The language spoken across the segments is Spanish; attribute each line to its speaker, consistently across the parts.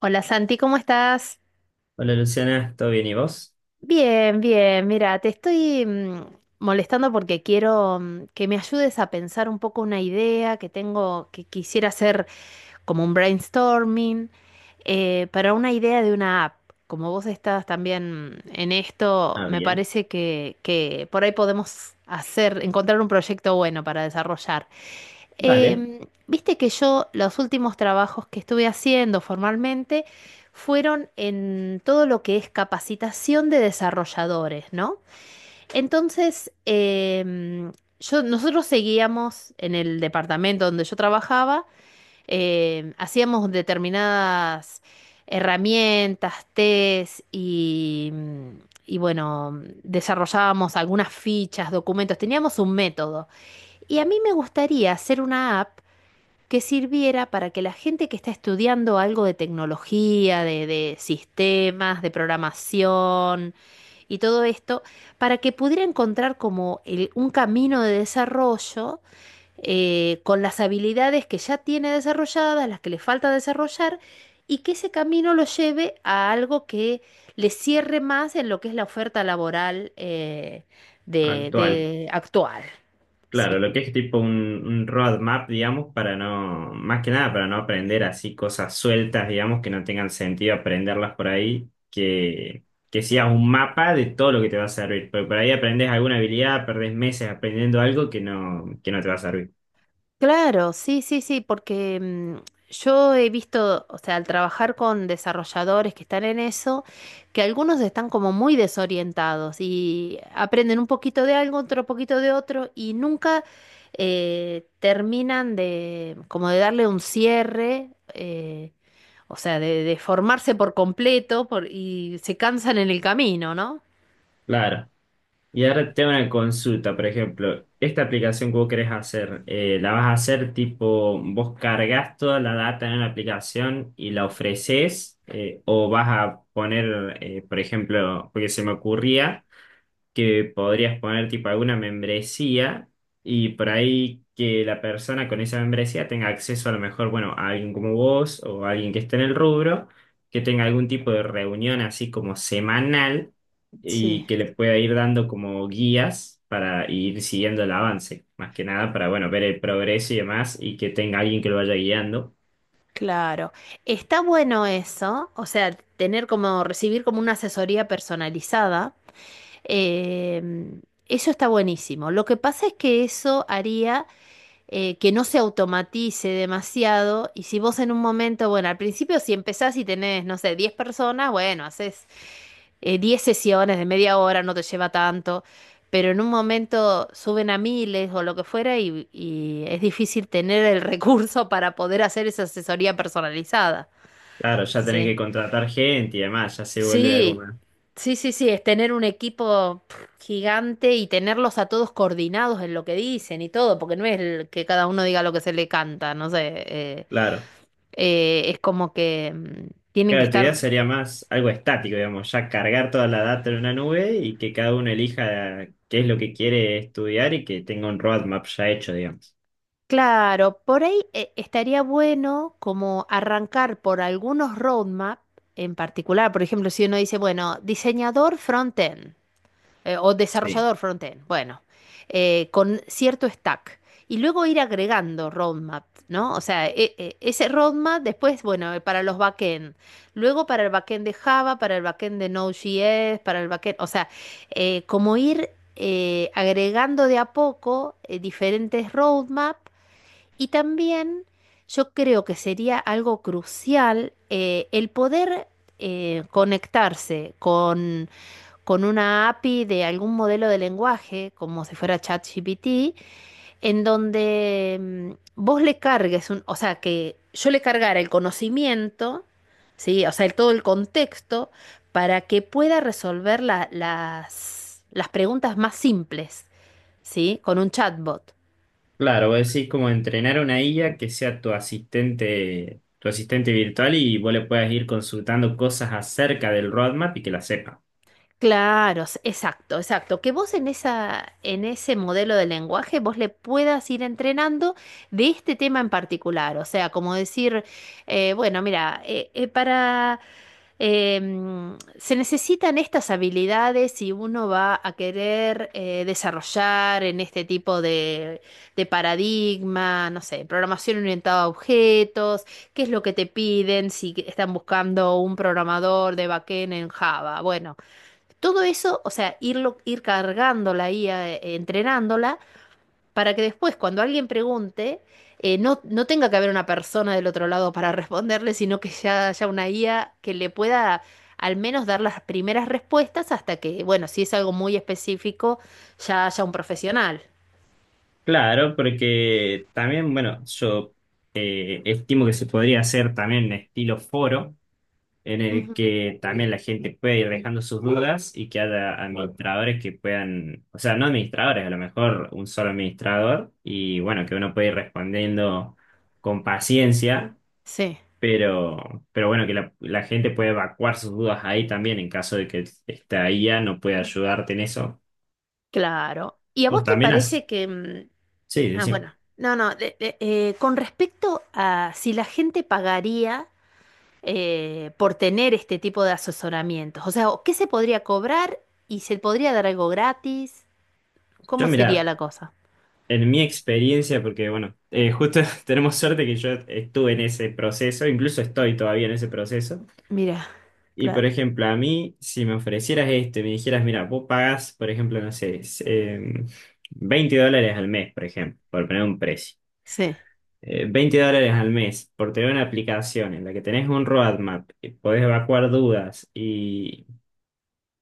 Speaker 1: Hola Santi, ¿cómo estás?
Speaker 2: Hola Luciana, ¿todo bien y vos?
Speaker 1: Bien, bien. Mira, te estoy molestando porque quiero que me ayudes a pensar un poco una idea que tengo, que quisiera hacer como un brainstorming, para una idea de una app. Como vos estás también en esto,
Speaker 2: Ah,
Speaker 1: me
Speaker 2: bien.
Speaker 1: parece que por ahí podemos hacer, encontrar un proyecto bueno para desarrollar.
Speaker 2: Dale,
Speaker 1: Em, Viste que yo los últimos trabajos que estuve haciendo formalmente fueron en todo lo que es capacitación de desarrolladores, ¿no? Entonces, yo, nosotros seguíamos en el departamento donde yo trabajaba, hacíamos determinadas herramientas, test y bueno, desarrollábamos algunas fichas, documentos, teníamos un método. Y a mí me gustaría hacer una app que sirviera para que la gente que está estudiando algo de tecnología, de sistemas, de programación y todo esto, para que pudiera encontrar como un camino de desarrollo, con las habilidades que ya tiene desarrolladas, las que le falta desarrollar, y que ese camino lo lleve a algo que le cierre más en lo que es la oferta laboral, de,
Speaker 2: actual.
Speaker 1: de actual.
Speaker 2: Claro,
Speaker 1: Sí.
Speaker 2: lo que es tipo un roadmap, digamos, para no, más que nada para no aprender así cosas sueltas, digamos, que no tengan sentido aprenderlas por ahí, que sea un mapa de todo lo que te va a servir, porque por ahí aprendes alguna habilidad, perdés meses aprendiendo algo que no te va a servir.
Speaker 1: Claro, sí, sí, sí, porque yo he visto, o sea, al trabajar con desarrolladores que están en eso, que algunos están como muy desorientados y aprenden un poquito de algo, otro poquito de otro y nunca terminan de como de darle un cierre, o sea, de formarse por completo y se cansan en el camino, ¿no?
Speaker 2: Claro. Y ahora tengo una consulta, por ejemplo, esta aplicación que vos querés hacer, ¿la vas a hacer tipo, vos cargas toda la data en la aplicación y la ofreces, o vas a poner, por ejemplo, porque se me ocurría que podrías poner tipo alguna membresía y por ahí que la persona con esa membresía tenga acceso a lo mejor, bueno, a alguien como vos o a alguien que esté en el rubro, que tenga algún tipo de reunión así como semanal
Speaker 1: Sí.
Speaker 2: y que le pueda ir dando como guías para ir siguiendo el avance, más que nada para, bueno, ver el progreso y demás y que tenga alguien que lo vaya guiando.
Speaker 1: Claro, está bueno eso, o sea, tener como, recibir como una asesoría personalizada. em, Eso está buenísimo. Lo que pasa es que eso haría que no se automatice demasiado y si vos en un momento, bueno, al principio si empezás y tenés, no sé, 10 personas, bueno, haces 10 sesiones de 1/2 hora, no te lleva tanto, pero en un momento suben a miles o lo que fuera y es difícil tener el recurso para poder hacer esa asesoría personalizada.
Speaker 2: Claro, ya tenés que
Speaker 1: Sí,
Speaker 2: contratar gente y demás, ya se vuelve algo
Speaker 1: sí,
Speaker 2: más.
Speaker 1: sí, sí, sí, es tener un equipo gigante y tenerlos a todos coordinados en lo que dicen y todo, porque no es el que cada uno diga lo que se le canta, no sé,
Speaker 2: Claro.
Speaker 1: es como que tienen que
Speaker 2: Claro, tu idea
Speaker 1: estar.
Speaker 2: sería más algo estático, digamos, ya cargar toda la data en una nube y que cada uno elija qué es lo que quiere estudiar y que tenga un roadmap ya hecho, digamos.
Speaker 1: Claro, por ahí estaría bueno como arrancar por algunos roadmap en particular, por ejemplo, si uno dice, bueno, diseñador frontend. O
Speaker 2: Sí.
Speaker 1: desarrollador frontend, bueno, con cierto stack. Y luego ir agregando roadmap, ¿no? O sea, ese roadmap después, bueno, para los backend, luego para el backend de Java, para el backend de Node.js, para el backend, o sea, como ir agregando de a poco diferentes roadmap y también yo creo que sería algo crucial, el poder conectarse con una API de algún modelo de lenguaje, como si fuera ChatGPT, en donde vos le cargues o sea, que yo le cargara el conocimiento, ¿sí? O sea, todo el contexto, para que pueda resolver las preguntas más simples, ¿sí? Con un chatbot.
Speaker 2: Claro, vos decís como entrenar una IA que sea tu asistente virtual y vos le puedas ir consultando cosas acerca del roadmap y que la sepa.
Speaker 1: Claro, exacto, exacto. Que vos en esa, en ese modelo de lenguaje vos le puedas ir entrenando de este tema en particular. O sea, como decir, bueno, mira, para se necesitan estas habilidades si uno va a querer desarrollar en este tipo de paradigma, no sé, programación orientada a objetos, qué es lo que te piden si están buscando un programador de backend en Java. Bueno. Todo eso, o sea, irlo, ir cargando la IA, entrenándola, para que después, cuando alguien pregunte, no, no tenga que haber una persona del otro lado para responderle, sino que ya haya una IA que le pueda al menos dar las primeras respuestas hasta que, bueno, si es algo muy específico, ya haya un profesional.
Speaker 2: Claro, porque también, bueno, yo estimo que se podría hacer también estilo foro en el
Speaker 1: Ujú.
Speaker 2: que también la gente puede ir dejando sus dudas y que haya administradores que puedan, o sea, no administradores, a lo mejor un solo administrador y bueno, que uno puede ir respondiendo con paciencia,
Speaker 1: Sí,
Speaker 2: pero, pero bueno, que la gente puede evacuar sus dudas ahí también en caso de que esta IA no pueda ayudarte en eso.
Speaker 1: claro. ¿Y a
Speaker 2: O
Speaker 1: vos te
Speaker 2: también
Speaker 1: parece que...
Speaker 2: sí,
Speaker 1: Ah,
Speaker 2: decime.
Speaker 1: bueno, no, no, de- con respecto a si la gente pagaría por tener este tipo de asesoramientos? O sea, ¿qué se podría cobrar y se podría dar algo gratis? ¿Cómo
Speaker 2: Yo
Speaker 1: sería
Speaker 2: mira,
Speaker 1: la cosa?
Speaker 2: en mi experiencia, porque bueno, justo tenemos suerte que yo estuve en ese proceso, incluso estoy todavía en ese proceso.
Speaker 1: Mira,
Speaker 2: Y
Speaker 1: claro.
Speaker 2: por ejemplo, a mí, si me ofrecieras esto y me dijeras, mira, vos pagás, por ejemplo, no sé, $20 al mes, por ejemplo, por poner un precio.
Speaker 1: Sí,
Speaker 2: $20 al mes por tener una aplicación en la que tenés un roadmap, podés evacuar dudas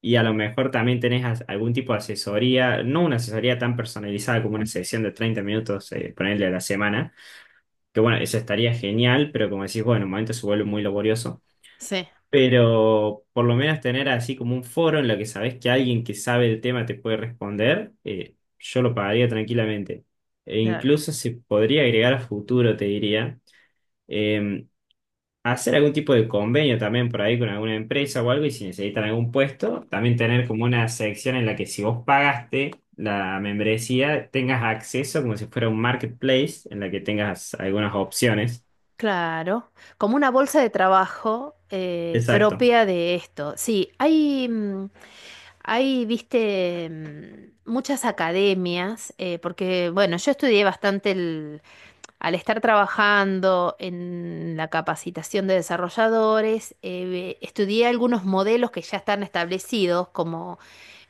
Speaker 2: y a lo mejor también tenés algún tipo de asesoría, no una asesoría tan personalizada como una sesión de 30 minutos, ponerle a la semana, que bueno, eso estaría genial, pero como decís, bueno, en un momento se vuelve muy laborioso.
Speaker 1: sí,
Speaker 2: Pero por lo menos tener así como un foro en lo que sabes que alguien que sabe el tema te puede responder, yo lo pagaría tranquilamente. E
Speaker 1: claro.
Speaker 2: incluso se podría agregar a futuro, te diría, eh, hacer algún tipo de convenio también por ahí con alguna empresa o algo y si necesitan algún puesto, también tener como una sección en la que si vos pagaste la membresía, tengas acceso como si fuera un marketplace en la que tengas algunas opciones.
Speaker 1: Claro, como una bolsa de trabajo
Speaker 2: Exacto.
Speaker 1: propia de esto. Sí, hay, hay, viste, muchas academias, porque, bueno, yo estudié bastante. Al estar trabajando en la capacitación de desarrolladores, estudié algunos modelos que ya están establecidos, como,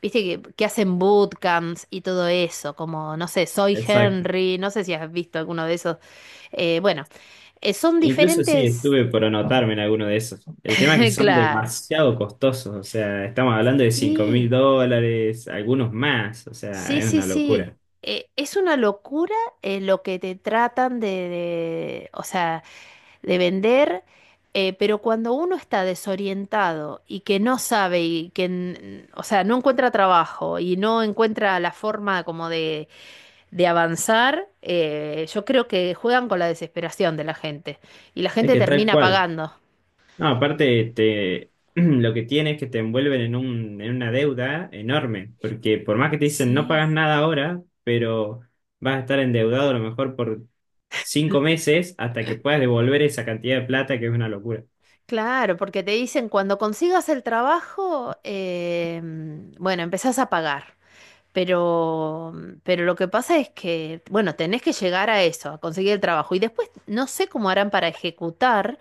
Speaker 1: viste, que hacen bootcamps y todo eso, como, no sé, Soy
Speaker 2: Exacto.
Speaker 1: Henry, no sé si has visto alguno de esos. Bueno, son
Speaker 2: Incluso sí,
Speaker 1: diferentes.
Speaker 2: estuve por anotarme en alguno de esos. El tema es que son
Speaker 1: Claro.
Speaker 2: demasiado costosos, o sea, estamos hablando de cinco mil
Speaker 1: Sí.
Speaker 2: dólares, algunos más, o sea,
Speaker 1: Sí,
Speaker 2: es
Speaker 1: sí,
Speaker 2: una
Speaker 1: sí.
Speaker 2: locura.
Speaker 1: Es una locura, lo que te tratan de, o sea, de vender, pero cuando uno está desorientado y que no sabe y que, o sea, no encuentra trabajo y no encuentra la forma como de avanzar, yo creo que juegan con la desesperación de la gente y la
Speaker 2: Es
Speaker 1: gente
Speaker 2: que tal
Speaker 1: termina
Speaker 2: cual.
Speaker 1: pagando.
Speaker 2: No, aparte, te, lo que tiene es que te envuelven en una deuda enorme, porque por más que te dicen no
Speaker 1: Sí.
Speaker 2: pagas nada ahora, pero vas a estar endeudado a lo mejor por 5 meses hasta que puedas devolver esa cantidad de plata, que es una locura.
Speaker 1: Claro, porque te dicen cuando consigas el trabajo, bueno, empezás a pagar. Pero lo que pasa es que, bueno, tenés que llegar a eso, a conseguir el trabajo. Y después no sé cómo harán para ejecutar,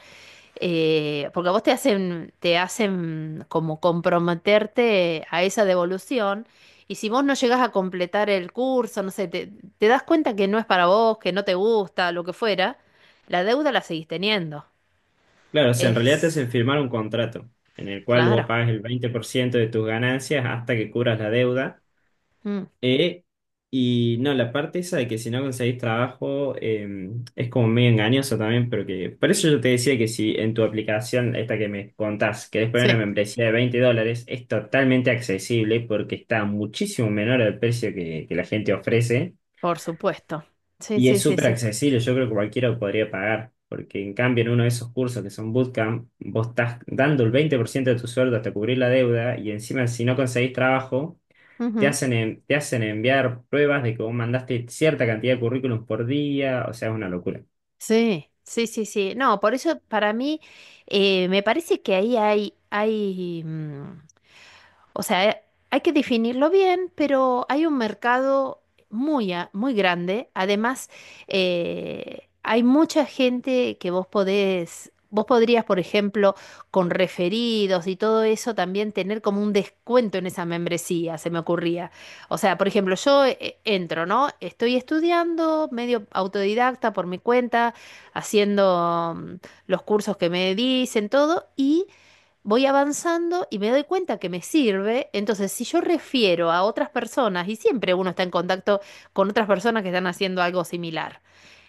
Speaker 1: porque a vos te hacen como comprometerte a esa devolución. Y si vos no llegás a completar el curso, no sé, te das cuenta que no es para vos, que no te gusta, lo que fuera, la deuda la seguís teniendo.
Speaker 2: Claro, o sea, en realidad te
Speaker 1: Es
Speaker 2: hacen firmar un contrato en el cual vos
Speaker 1: claro.
Speaker 2: pagas el 20% de tus ganancias hasta que cubras la deuda.
Speaker 1: Mm,
Speaker 2: eh, y no, la parte esa de que si no conseguís trabajo es como medio engañoso también, pero que por eso yo te decía que si en tu aplicación, esta que me contás, querés poner
Speaker 1: sí,
Speaker 2: una membresía de $20, es totalmente accesible porque está muchísimo menor al precio que la gente ofrece.
Speaker 1: por supuesto. Sí,
Speaker 2: Y
Speaker 1: sí,
Speaker 2: es
Speaker 1: sí,
Speaker 2: súper
Speaker 1: sí.
Speaker 2: accesible, yo creo que cualquiera lo podría pagar, porque en cambio en uno de esos cursos que son bootcamp, vos estás dando el 20% de tu sueldo hasta cubrir la deuda y encima si no conseguís trabajo, te hacen enviar pruebas de que vos mandaste cierta cantidad de currículums por día, o sea, es una locura.
Speaker 1: Sí, sí, sí, sí. No, por eso para mí me parece que ahí hay, o sea, hay que definirlo bien, pero hay un mercado muy, muy grande. Además, hay mucha gente que vos podés, vos podrías, por ejemplo, con referidos y todo eso, también tener como un descuento en esa membresía, se me ocurría. O sea, por ejemplo, yo entro, ¿no? Estoy estudiando medio autodidacta por mi cuenta, haciendo los cursos que me dicen, todo, y voy avanzando y me doy cuenta que me sirve. Entonces, si yo refiero a otras personas, y siempre uno está en contacto con otras personas que están haciendo algo similar.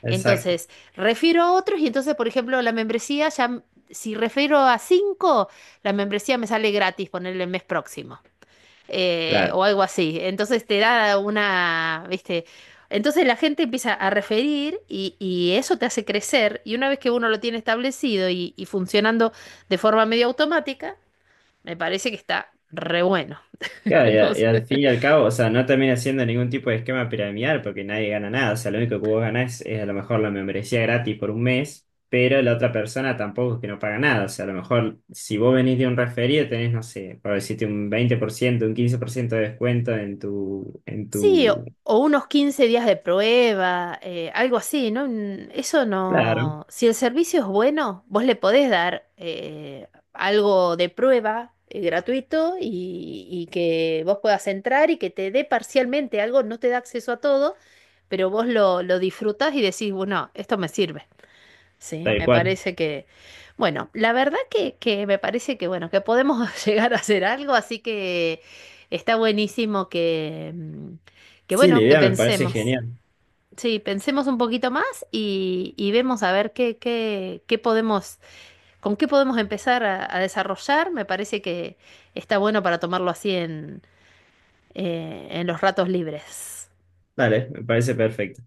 Speaker 2: Exacto.
Speaker 1: Entonces, refiero a otros y entonces, por ejemplo, la membresía ya, si refiero a 5, la membresía me sale gratis ponerle el mes próximo.
Speaker 2: Claro.
Speaker 1: O algo así. Entonces te da una, ¿viste? Entonces la gente empieza a referir y eso te hace crecer y una vez que uno lo tiene establecido y funcionando de forma medio automática, me parece que está re bueno.
Speaker 2: Claro, y,
Speaker 1: No
Speaker 2: a- y al fin
Speaker 1: sé.
Speaker 2: y al cabo, o sea, no termina siendo ningún tipo de esquema piramidal porque nadie gana nada. O sea, lo único que vos ganás es a lo mejor la membresía gratis por un mes, pero la otra persona tampoco es que no paga nada. O sea, a lo mejor si vos venís de un referido tenés, no sé, por decirte un 20% un 15% de descuento en tu, en
Speaker 1: Sí, o,
Speaker 2: tu...
Speaker 1: o unos 15 días de prueba, algo así, ¿no? Eso
Speaker 2: Claro,
Speaker 1: no. Si el servicio es bueno, vos le podés dar algo de prueba gratuito y que vos puedas entrar y que te dé parcialmente algo, no te da acceso a todo, pero vos lo disfrutás y decís, bueno, esto me sirve. Sí,
Speaker 2: tal
Speaker 1: me
Speaker 2: cual.
Speaker 1: parece que, bueno, la verdad que me parece que, bueno, que podemos llegar a hacer algo, así que está buenísimo que
Speaker 2: Sí, la
Speaker 1: bueno, que
Speaker 2: idea me parece
Speaker 1: pensemos.
Speaker 2: genial.
Speaker 1: Sí, pensemos un poquito más y vemos a ver qué podemos, con qué podemos empezar a desarrollar. Me parece que está bueno para tomarlo así en los ratos libres.
Speaker 2: Dale, me parece perfecto.